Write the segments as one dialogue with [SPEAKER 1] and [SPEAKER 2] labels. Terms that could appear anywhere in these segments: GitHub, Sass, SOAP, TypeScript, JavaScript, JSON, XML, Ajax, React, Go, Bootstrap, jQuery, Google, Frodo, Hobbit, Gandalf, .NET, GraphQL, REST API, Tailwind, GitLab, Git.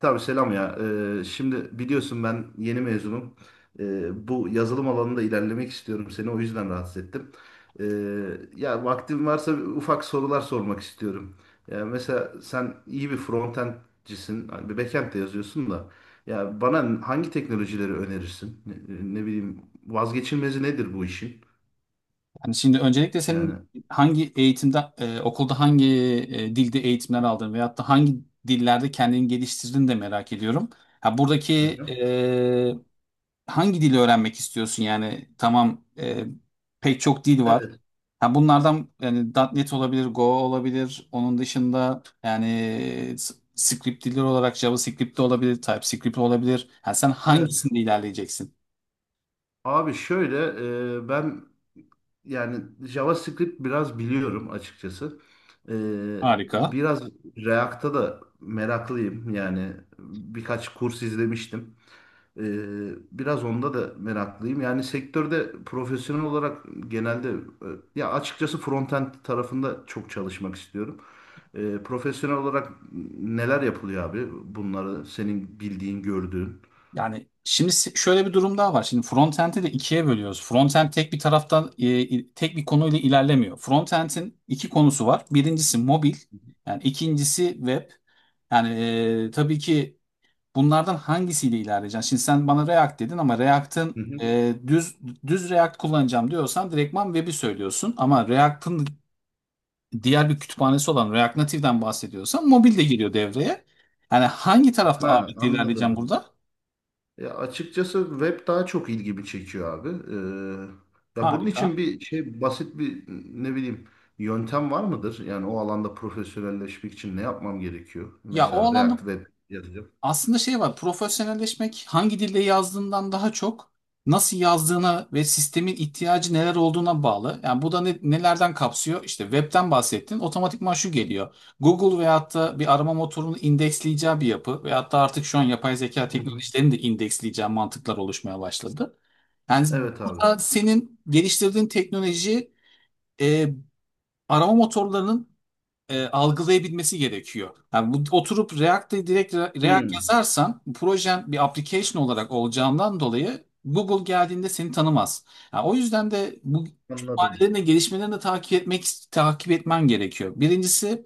[SPEAKER 1] Tabii selam ya. Şimdi biliyorsun ben yeni mezunum. Bu yazılım alanında ilerlemek istiyorum. Seni o yüzden rahatsız ettim. Ee, Ya vaktin varsa ufak sorular sormak istiyorum. Ya mesela sen iyi bir frontendcisin, hani bir backend de yazıyorsun da. Ya bana hangi teknolojileri önerirsin? Ne bileyim vazgeçilmezi nedir bu işin?
[SPEAKER 2] Hani şimdi öncelikle senin
[SPEAKER 1] Yani.
[SPEAKER 2] hangi eğitimde, okulda hangi dilde eğitimler aldın veyahut da hangi dillerde kendini geliştirdin de merak ediyorum. Ha buradaki
[SPEAKER 1] Hı hı.
[SPEAKER 2] e, hangi dili öğrenmek istiyorsun yani? Tamam, pek çok dil var.
[SPEAKER 1] Evet,
[SPEAKER 2] Ha bunlardan yani .NET olabilir, Go olabilir. Onun dışında yani script dilleri olarak JavaScript de olabilir, TypeScript de olabilir. Ha sen
[SPEAKER 1] evet.
[SPEAKER 2] hangisinde ilerleyeceksin?
[SPEAKER 1] Abi şöyle ben yani JavaScript biraz biliyorum açıkçası. Ee,
[SPEAKER 2] Harika.
[SPEAKER 1] Biraz React'a da meraklıyım. Yani birkaç kurs izlemiştim. Ee, Biraz onda da meraklıyım. Yani sektörde profesyonel olarak genelde ya açıkçası frontend tarafında çok çalışmak istiyorum. Profesyonel olarak neler yapılıyor abi? Bunları senin bildiğin, gördüğün.
[SPEAKER 2] Yani şimdi şöyle bir durum daha var. Şimdi frontend'i de ikiye bölüyoruz. Frontend tek bir taraftan tek bir konuyla ilerlemiyor. Frontend'in iki konusu var. Birincisi mobil, yani ikincisi web. Yani tabii ki bunlardan hangisiyle ilerleyeceksin? Şimdi sen bana React dedin ama React'ın
[SPEAKER 1] Hı hı.
[SPEAKER 2] düz React kullanacağım diyorsan direktman web'i söylüyorsun. Ama React'ın diğer bir kütüphanesi olan React Native'den bahsediyorsan mobil de giriyor devreye. Yani hangi tarafta
[SPEAKER 1] Ha,
[SPEAKER 2] ağırlıklı ilerleyeceğim
[SPEAKER 1] anladım.
[SPEAKER 2] burada?
[SPEAKER 1] Ya açıkçası web daha çok ilgimi çekiyor abi. Ya bunun için
[SPEAKER 2] Harika.
[SPEAKER 1] bir şey basit bir ne bileyim yöntem var mıdır? Yani o alanda profesyonelleşmek için ne yapmam gerekiyor?
[SPEAKER 2] Ya o
[SPEAKER 1] Mesela
[SPEAKER 2] alanda
[SPEAKER 1] React Web yazacağım.
[SPEAKER 2] aslında şey var. Profesyonelleşmek hangi dilde yazdığından daha çok nasıl yazdığına ve sistemin ihtiyacı neler olduğuna bağlı. Yani bu da nelerden kapsıyor? İşte webten bahsettin. Otomatikman şu geliyor. Google veyahut da bir arama motorunu indeksleyeceği bir yapı veyahut da artık şu an yapay zeka
[SPEAKER 1] Hı hı.
[SPEAKER 2] teknolojilerinin de indeksleyeceği mantıklar oluşmaya başladı. Yani
[SPEAKER 1] Evet abi.
[SPEAKER 2] burada senin geliştirdiğin teknoloji e, arama motorlarının algılayabilmesi gerekiyor. Yani bu, oturup React'te direkt React
[SPEAKER 1] Hmm,
[SPEAKER 2] yazarsan projen bir application olarak olacağından dolayı Google geldiğinde seni tanımaz. Yani o yüzden de bu
[SPEAKER 1] anladım.
[SPEAKER 2] kütüphanelerin de gelişmelerini de takip etmen gerekiyor. Birincisi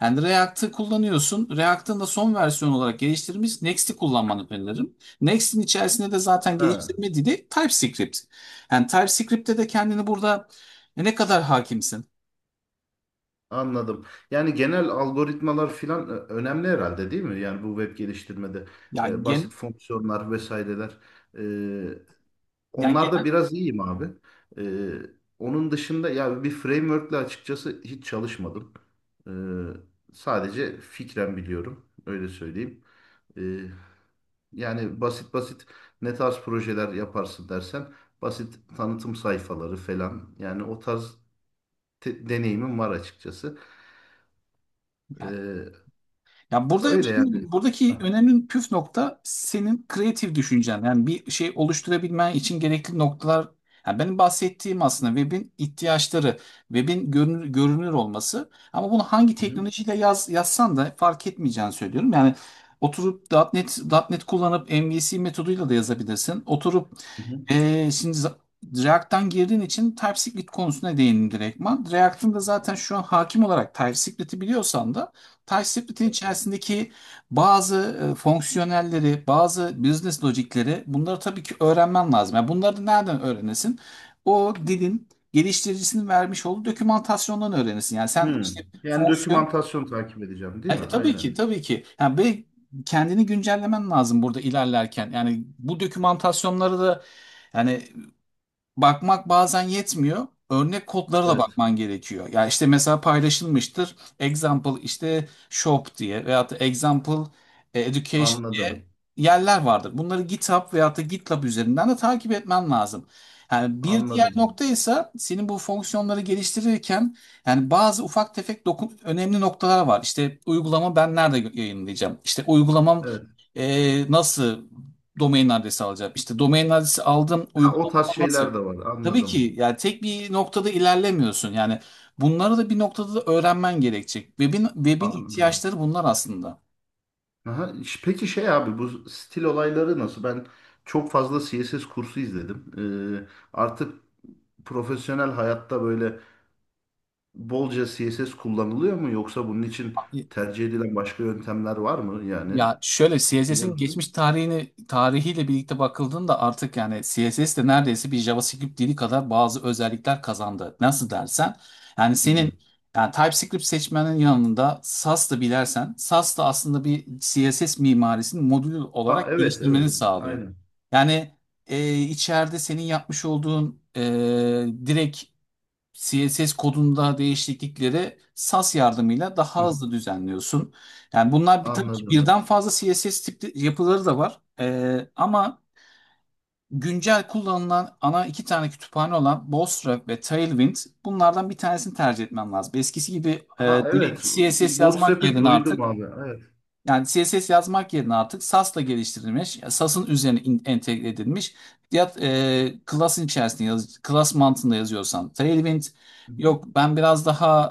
[SPEAKER 2] yani React'ı kullanıyorsun. React'ın da son versiyon olarak geliştirilmiş Next'i kullanmanı öneririm. Next'in içerisinde de zaten
[SPEAKER 1] Ha,
[SPEAKER 2] geliştirme dili TypeScript. Yani TypeScript'te de kendini burada ne kadar hakimsin?
[SPEAKER 1] anladım. Yani genel algoritmalar filan önemli herhalde değil mi? Yani bu web geliştirmede
[SPEAKER 2] Yani gen,
[SPEAKER 1] basit fonksiyonlar vesaireler e,
[SPEAKER 2] yani
[SPEAKER 1] onlar da
[SPEAKER 2] genel
[SPEAKER 1] biraz iyiyim abi. Ee, Onun dışında ya bir framework'le açıkçası hiç çalışmadım. Sadece fikren biliyorum. Öyle söyleyeyim. Ee, Yani basit basit ne tarz projeler yaparsın dersen basit tanıtım sayfaları falan. Yani o tarz deneyimim var açıkçası. Ee,
[SPEAKER 2] ya burada
[SPEAKER 1] Öyle yani.
[SPEAKER 2] şimdi buradaki
[SPEAKER 1] Hah,
[SPEAKER 2] önemli püf nokta senin kreatif düşüncen. Yani bir şey oluşturabilmen için gerekli noktalar. Yani benim bahsettiğim aslında webin ihtiyaçları, webin görünür olması. Ama bunu hangi
[SPEAKER 1] hı hı.
[SPEAKER 2] teknolojiyle yazsan da fark etmeyeceğini söylüyorum. Yani oturup .nokta .NET, .nokta .NET kullanıp MVC metoduyla da yazabilirsin. Oturup
[SPEAKER 1] Hı hı.
[SPEAKER 2] ee, şimdi za- React'tan girdiğin için TypeScript konusuna değindim direktman. React'ın da zaten şu an hakim olarak TypeScript'i biliyorsan da Touch Split'in içerisindeki bazı fonksiyonelleri, bazı business logikleri bunları tabii ki öğrenmen lazım. Yani bunları da nereden öğrenesin? O dilin geliştiricisinin vermiş olduğu dokümantasyondan öğrenesin. Yani sen işte
[SPEAKER 1] Hmm. Yani
[SPEAKER 2] fonksiyon...
[SPEAKER 1] dokümantasyon takip edeceğim değil mi?
[SPEAKER 2] Tabii
[SPEAKER 1] Aynen.
[SPEAKER 2] ki, tabii ki. Yani kendini güncellemen lazım burada ilerlerken. Yani bu dokümantasyonları da yani bakmak bazen yetmiyor. Örnek kodlara da
[SPEAKER 1] Evet.
[SPEAKER 2] bakman gerekiyor. Ya işte mesela paylaşılmıştır. Example işte shop diye veyahut da example education diye
[SPEAKER 1] Anladım.
[SPEAKER 2] yerler vardır. Bunları GitHub veyahut da GitLab üzerinden de takip etmen lazım. Yani bir diğer
[SPEAKER 1] Anladım.
[SPEAKER 2] nokta ise senin bu fonksiyonları geliştirirken yani bazı ufak tefek dokun önemli noktalar var. İşte uygulama ben nerede yayınlayacağım? İşte uygulamam
[SPEAKER 1] Evet.
[SPEAKER 2] nasıl domain adresi alacağım? İşte domain adresi aldım
[SPEAKER 1] Ha, o
[SPEAKER 2] uygulama
[SPEAKER 1] tarz
[SPEAKER 2] nasıl?
[SPEAKER 1] şeyler de var.
[SPEAKER 2] Tabii
[SPEAKER 1] Anladım.
[SPEAKER 2] ki yani tek bir noktada ilerlemiyorsun. Yani bunları da bir noktada da öğrenmen gerekecek. Web'in
[SPEAKER 1] Anladım.
[SPEAKER 2] ihtiyaçları bunlar aslında.
[SPEAKER 1] Aha. Peki şey abi bu stil olayları nasıl? Ben çok fazla CSS kursu izledim. Artık profesyonel hayatta böyle bolca CSS kullanılıyor mu? Yoksa bunun için tercih edilen başka yöntemler var mı? Yani
[SPEAKER 2] Ya şöyle
[SPEAKER 1] biliyor
[SPEAKER 2] CSS'in
[SPEAKER 1] musun?
[SPEAKER 2] geçmiş tarihini tarihiyle birlikte bakıldığında artık yani CSS de neredeyse bir JavaScript dili kadar bazı özellikler kazandı. Nasıl dersen yani
[SPEAKER 1] Hmm.
[SPEAKER 2] senin yani TypeScript seçmenin yanında Sass da bilersen Sass da aslında bir CSS mimarisini modül
[SPEAKER 1] Ha,
[SPEAKER 2] olarak
[SPEAKER 1] evet,
[SPEAKER 2] geliştirmeni
[SPEAKER 1] evet.
[SPEAKER 2] sağlıyor.
[SPEAKER 1] Aynen.
[SPEAKER 2] Yani içeride senin yapmış olduğun direkt CSS kodunda değişiklikleri SAS yardımıyla
[SPEAKER 1] Hı
[SPEAKER 2] daha
[SPEAKER 1] hı.
[SPEAKER 2] hızlı düzenliyorsun. Yani bunlar bir, tabii ki
[SPEAKER 1] Anladım.
[SPEAKER 2] birden fazla CSS tipli yapıları da var. Ama güncel kullanılan ana iki tane kütüphane olan Bootstrap ve Tailwind bunlardan bir tanesini tercih etmem lazım. Eskisi gibi
[SPEAKER 1] Ha evet.
[SPEAKER 2] direkt CSS yazmak
[SPEAKER 1] Bootstrap'i
[SPEAKER 2] yerine
[SPEAKER 1] duydum
[SPEAKER 2] artık
[SPEAKER 1] abi. Evet.
[SPEAKER 2] yani CSS yazmak yerine artık Sass'la geliştirilmiş, Sass'ın üzerine entegre edilmiş ya class'ın içerisinde class mantığında yazıyorsam Tailwind,
[SPEAKER 1] Hı
[SPEAKER 2] yok ben biraz daha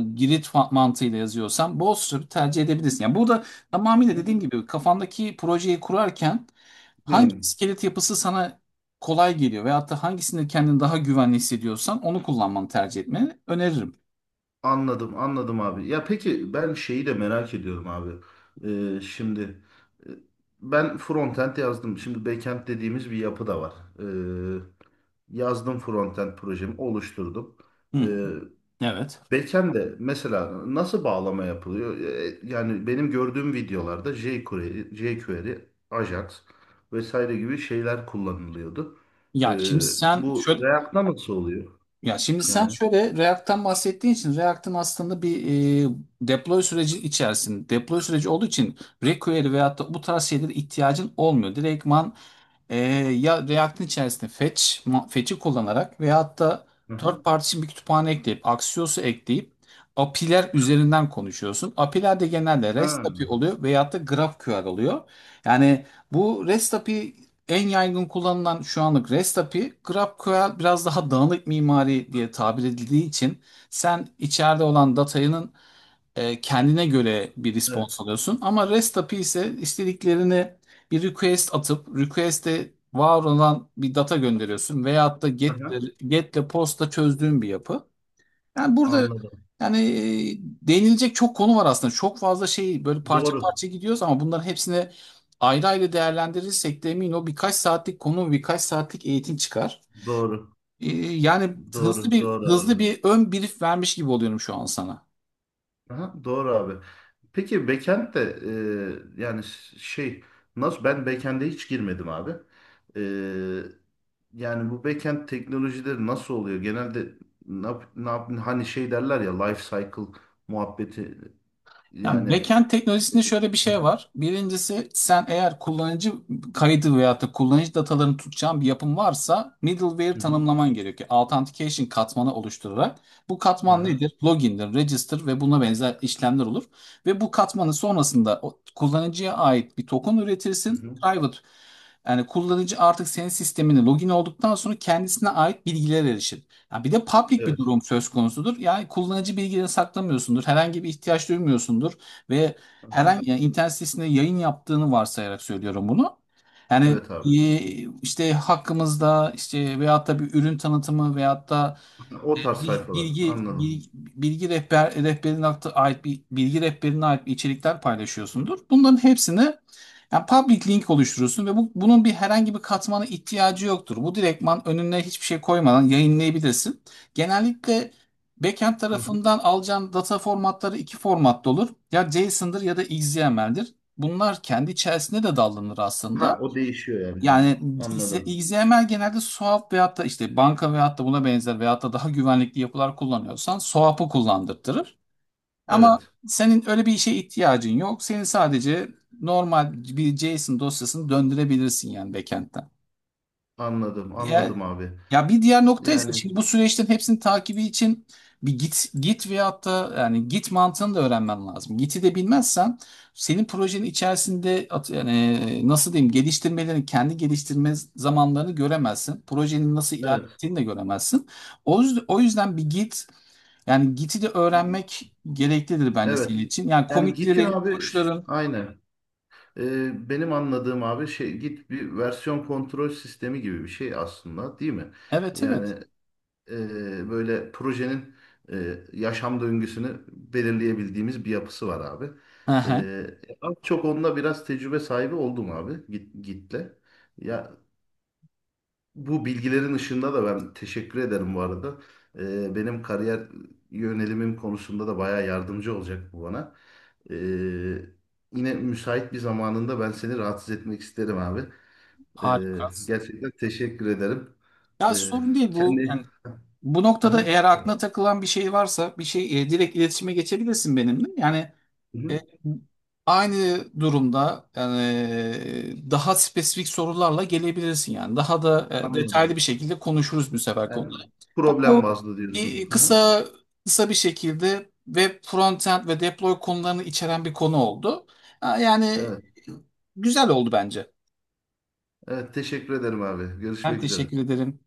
[SPEAKER 2] Grid mantığıyla yazıyorsam Bootstrap tercih edebilirsin. Yani burada tamamıyla
[SPEAKER 1] hı.
[SPEAKER 2] dediğim gibi kafandaki projeyi kurarken hangi
[SPEAKER 1] Hı.
[SPEAKER 2] iskelet yapısı sana kolay geliyor veyahut da hangisinde kendini daha güvenli hissediyorsan onu kullanmanı tercih etmeni öneririm.
[SPEAKER 1] Anladım, anladım abi. Ya peki ben şeyi de merak ediyorum abi. Şimdi e, ben frontend yazdım. Şimdi backend dediğimiz bir yapı da var. Ee, Yazdım frontend projemi oluşturdum.
[SPEAKER 2] Hı hı.
[SPEAKER 1] Ee,
[SPEAKER 2] Evet.
[SPEAKER 1] Beken de mesela nasıl bağlama yapılıyor? Yani benim gördüğüm videolarda jQuery, Ajax vesaire gibi şeyler kullanılıyordu. E,
[SPEAKER 2] Ya şimdi sen
[SPEAKER 1] Bu
[SPEAKER 2] şöyle
[SPEAKER 1] React'ta nasıl oluyor?
[SPEAKER 2] Ya şimdi sen
[SPEAKER 1] Yani.
[SPEAKER 2] şöyle React'tan bahsettiğin için React'ın aslında bir e, deploy süreci olduğu için jQuery veyahut da bu tarz şeylere ihtiyacın olmuyor. Direktman ee, ya React'in içerisinde fetch'i kullanarak veya hatta
[SPEAKER 1] Hı
[SPEAKER 2] third
[SPEAKER 1] hı.
[SPEAKER 2] party için bir kütüphane ekleyip, Axios'u ekleyip API'ler üzerinden konuşuyorsun. API'ler de genelde
[SPEAKER 1] Ha,
[SPEAKER 2] REST API oluyor veyahut da GraphQL oluyor. Yani bu REST API en yaygın kullanılan şu anlık REST API, GraphQL biraz daha dağınık mimari diye tabir edildiği için sen içeride olan datanın kendine göre bir
[SPEAKER 1] evet.
[SPEAKER 2] response alıyorsun. Ama REST API ise istediklerini bir request atıp request'e var olan bir data gönderiyorsun veyahut da
[SPEAKER 1] Aha,
[SPEAKER 2] get'le post'la çözdüğün bir yapı. Yani burada
[SPEAKER 1] anladım.
[SPEAKER 2] yani değinilecek çok konu var aslında. Çok fazla şey böyle parça
[SPEAKER 1] Doğru.
[SPEAKER 2] parça gidiyoruz ama bunların hepsini ayrı ayrı değerlendirirsek de emin ol birkaç saatlik konu, birkaç saatlik eğitim çıkar.
[SPEAKER 1] Doğru.
[SPEAKER 2] Yani
[SPEAKER 1] Doğru. Doğru abi.
[SPEAKER 2] hızlı bir ön brief vermiş gibi oluyorum şu an sana.
[SPEAKER 1] Aha, doğru abi. Peki backend de yani şey nasıl ben backend'e hiç girmedim abi. E, Yani bu backend teknolojileri nasıl oluyor? Genelde hani şey derler ya life cycle muhabbeti
[SPEAKER 2] Yani
[SPEAKER 1] yani.
[SPEAKER 2] backend teknolojisinde şöyle bir şey var. Birincisi sen eğer kullanıcı kaydı veyahut da kullanıcı datalarını tutacağın bir yapım varsa middleware
[SPEAKER 1] Hı hı,
[SPEAKER 2] tanımlaman gerekiyor. Authentication katmanı oluşturarak. Bu katman
[SPEAKER 1] aha,
[SPEAKER 2] nedir? Login'dir, register ve buna benzer işlemler olur. Ve bu katmanın sonrasında o kullanıcıya ait bir token
[SPEAKER 1] hı
[SPEAKER 2] üretirsin.
[SPEAKER 1] hı.
[SPEAKER 2] Private yani kullanıcı artık senin sistemine login olduktan sonra kendisine ait bilgilere erişir. Ya bir de public bir
[SPEAKER 1] Evet.
[SPEAKER 2] durum söz konusudur. Yani kullanıcı bilgilerini saklamıyorsundur. Herhangi bir ihtiyaç duymuyorsundur. Ve
[SPEAKER 1] Aha,
[SPEAKER 2] herhangi yani internet sitesinde yayın yaptığını varsayarak söylüyorum bunu. Yani
[SPEAKER 1] evet abi.
[SPEAKER 2] işte hakkımızda işte veyahut da bir ürün tanıtımı veyahut da
[SPEAKER 1] O tarz
[SPEAKER 2] Bil-
[SPEAKER 1] sayfalar.
[SPEAKER 2] bilgi
[SPEAKER 1] Anladım.
[SPEAKER 2] bilgi, bilgi rehber rehberine ait bilgi rehberine ait bir içerikler paylaşıyorsundur. Bunların hepsini yani public link oluşturursun ve bunun bir herhangi bir katmana ihtiyacı yoktur. Bu direktman önüne hiçbir şey koymadan yayınlayabilirsin. Genellikle backend
[SPEAKER 1] Hı hı.
[SPEAKER 2] tarafından alacağın data formatları iki formatta olur. Ya JSON'dır ya da XML'dir. Bunlar kendi içerisinde de dallanır aslında.
[SPEAKER 1] Ha o değişiyor yani.
[SPEAKER 2] Yani
[SPEAKER 1] Anladım.
[SPEAKER 2] XML genelde SOAP veyahut da işte banka veyahut da buna benzer veyahut da daha güvenlikli yapılar kullanıyorsan SOAP'ı kullandırtırır. Ama
[SPEAKER 1] Evet.
[SPEAKER 2] senin öyle bir işe ihtiyacın yok. Senin sadece normal bir JSON dosyasını döndürebilirsin yani backend'den.
[SPEAKER 1] Anladım.
[SPEAKER 2] Ya,
[SPEAKER 1] Anladım abi.
[SPEAKER 2] ya bir diğer nokta ise
[SPEAKER 1] Yani
[SPEAKER 2] şimdi bu süreçlerin hepsinin takibi için bir git veyahut da yani git mantığını da öğrenmen lazım. Git'i de bilmezsen senin projenin içerisinde yani nasıl diyeyim geliştirmelerini kendi geliştirme zamanlarını göremezsin. Projenin nasıl
[SPEAKER 1] evet.
[SPEAKER 2] ilerlettiğini de göremezsin. O yüzden bir git yani git'i de öğrenmek gereklidir bence senin
[SPEAKER 1] Evet.
[SPEAKER 2] için. Yani
[SPEAKER 1] Yani Git'in
[SPEAKER 2] komitlerin,
[SPEAKER 1] abi
[SPEAKER 2] koçların
[SPEAKER 1] aynı. Benim anladığım abi şey Git bir versiyon kontrol sistemi gibi bir şey aslında değil mi?
[SPEAKER 2] evet,
[SPEAKER 1] Yani
[SPEAKER 2] evet.
[SPEAKER 1] böyle projenin yaşam döngüsünü belirleyebildiğimiz bir yapısı var abi.
[SPEAKER 2] Hı hı.
[SPEAKER 1] Ee, Az çok onda biraz tecrübe sahibi oldum abi Git'le. Ya bu bilgilerin ışığında da ben teşekkür ederim bu arada. Benim kariyer yönelimim konusunda da bayağı yardımcı olacak bu bana. Ee, Yine müsait bir zamanında ben seni rahatsız etmek isterim abi.
[SPEAKER 2] Harika.
[SPEAKER 1] Gerçekten teşekkür ederim.
[SPEAKER 2] Ya
[SPEAKER 1] Ee,
[SPEAKER 2] sorun değil bu.
[SPEAKER 1] Kendi...
[SPEAKER 2] Yani bu noktada
[SPEAKER 1] Aha.
[SPEAKER 2] eğer aklına takılan bir şey varsa direkt iletişime geçebilirsin benimle. Yani e,
[SPEAKER 1] Hı-hı.
[SPEAKER 2] aynı durumda yani daha spesifik sorularla gelebilirsin yani. Daha da detaylı
[SPEAKER 1] Anladım.
[SPEAKER 2] bir şekilde konuşuruz bu sefer
[SPEAKER 1] Yani
[SPEAKER 2] konuları. Yani
[SPEAKER 1] problem
[SPEAKER 2] bu
[SPEAKER 1] bazlı diyorsun.
[SPEAKER 2] e,
[SPEAKER 1] Aha.
[SPEAKER 2] kısa kısa bir şekilde web frontend ve deploy konularını içeren bir konu oldu. Ha, yani
[SPEAKER 1] Evet.
[SPEAKER 2] güzel oldu bence.
[SPEAKER 1] Evet, teşekkür ederim abi.
[SPEAKER 2] Ben
[SPEAKER 1] Görüşmek üzere.
[SPEAKER 2] teşekkür ederim.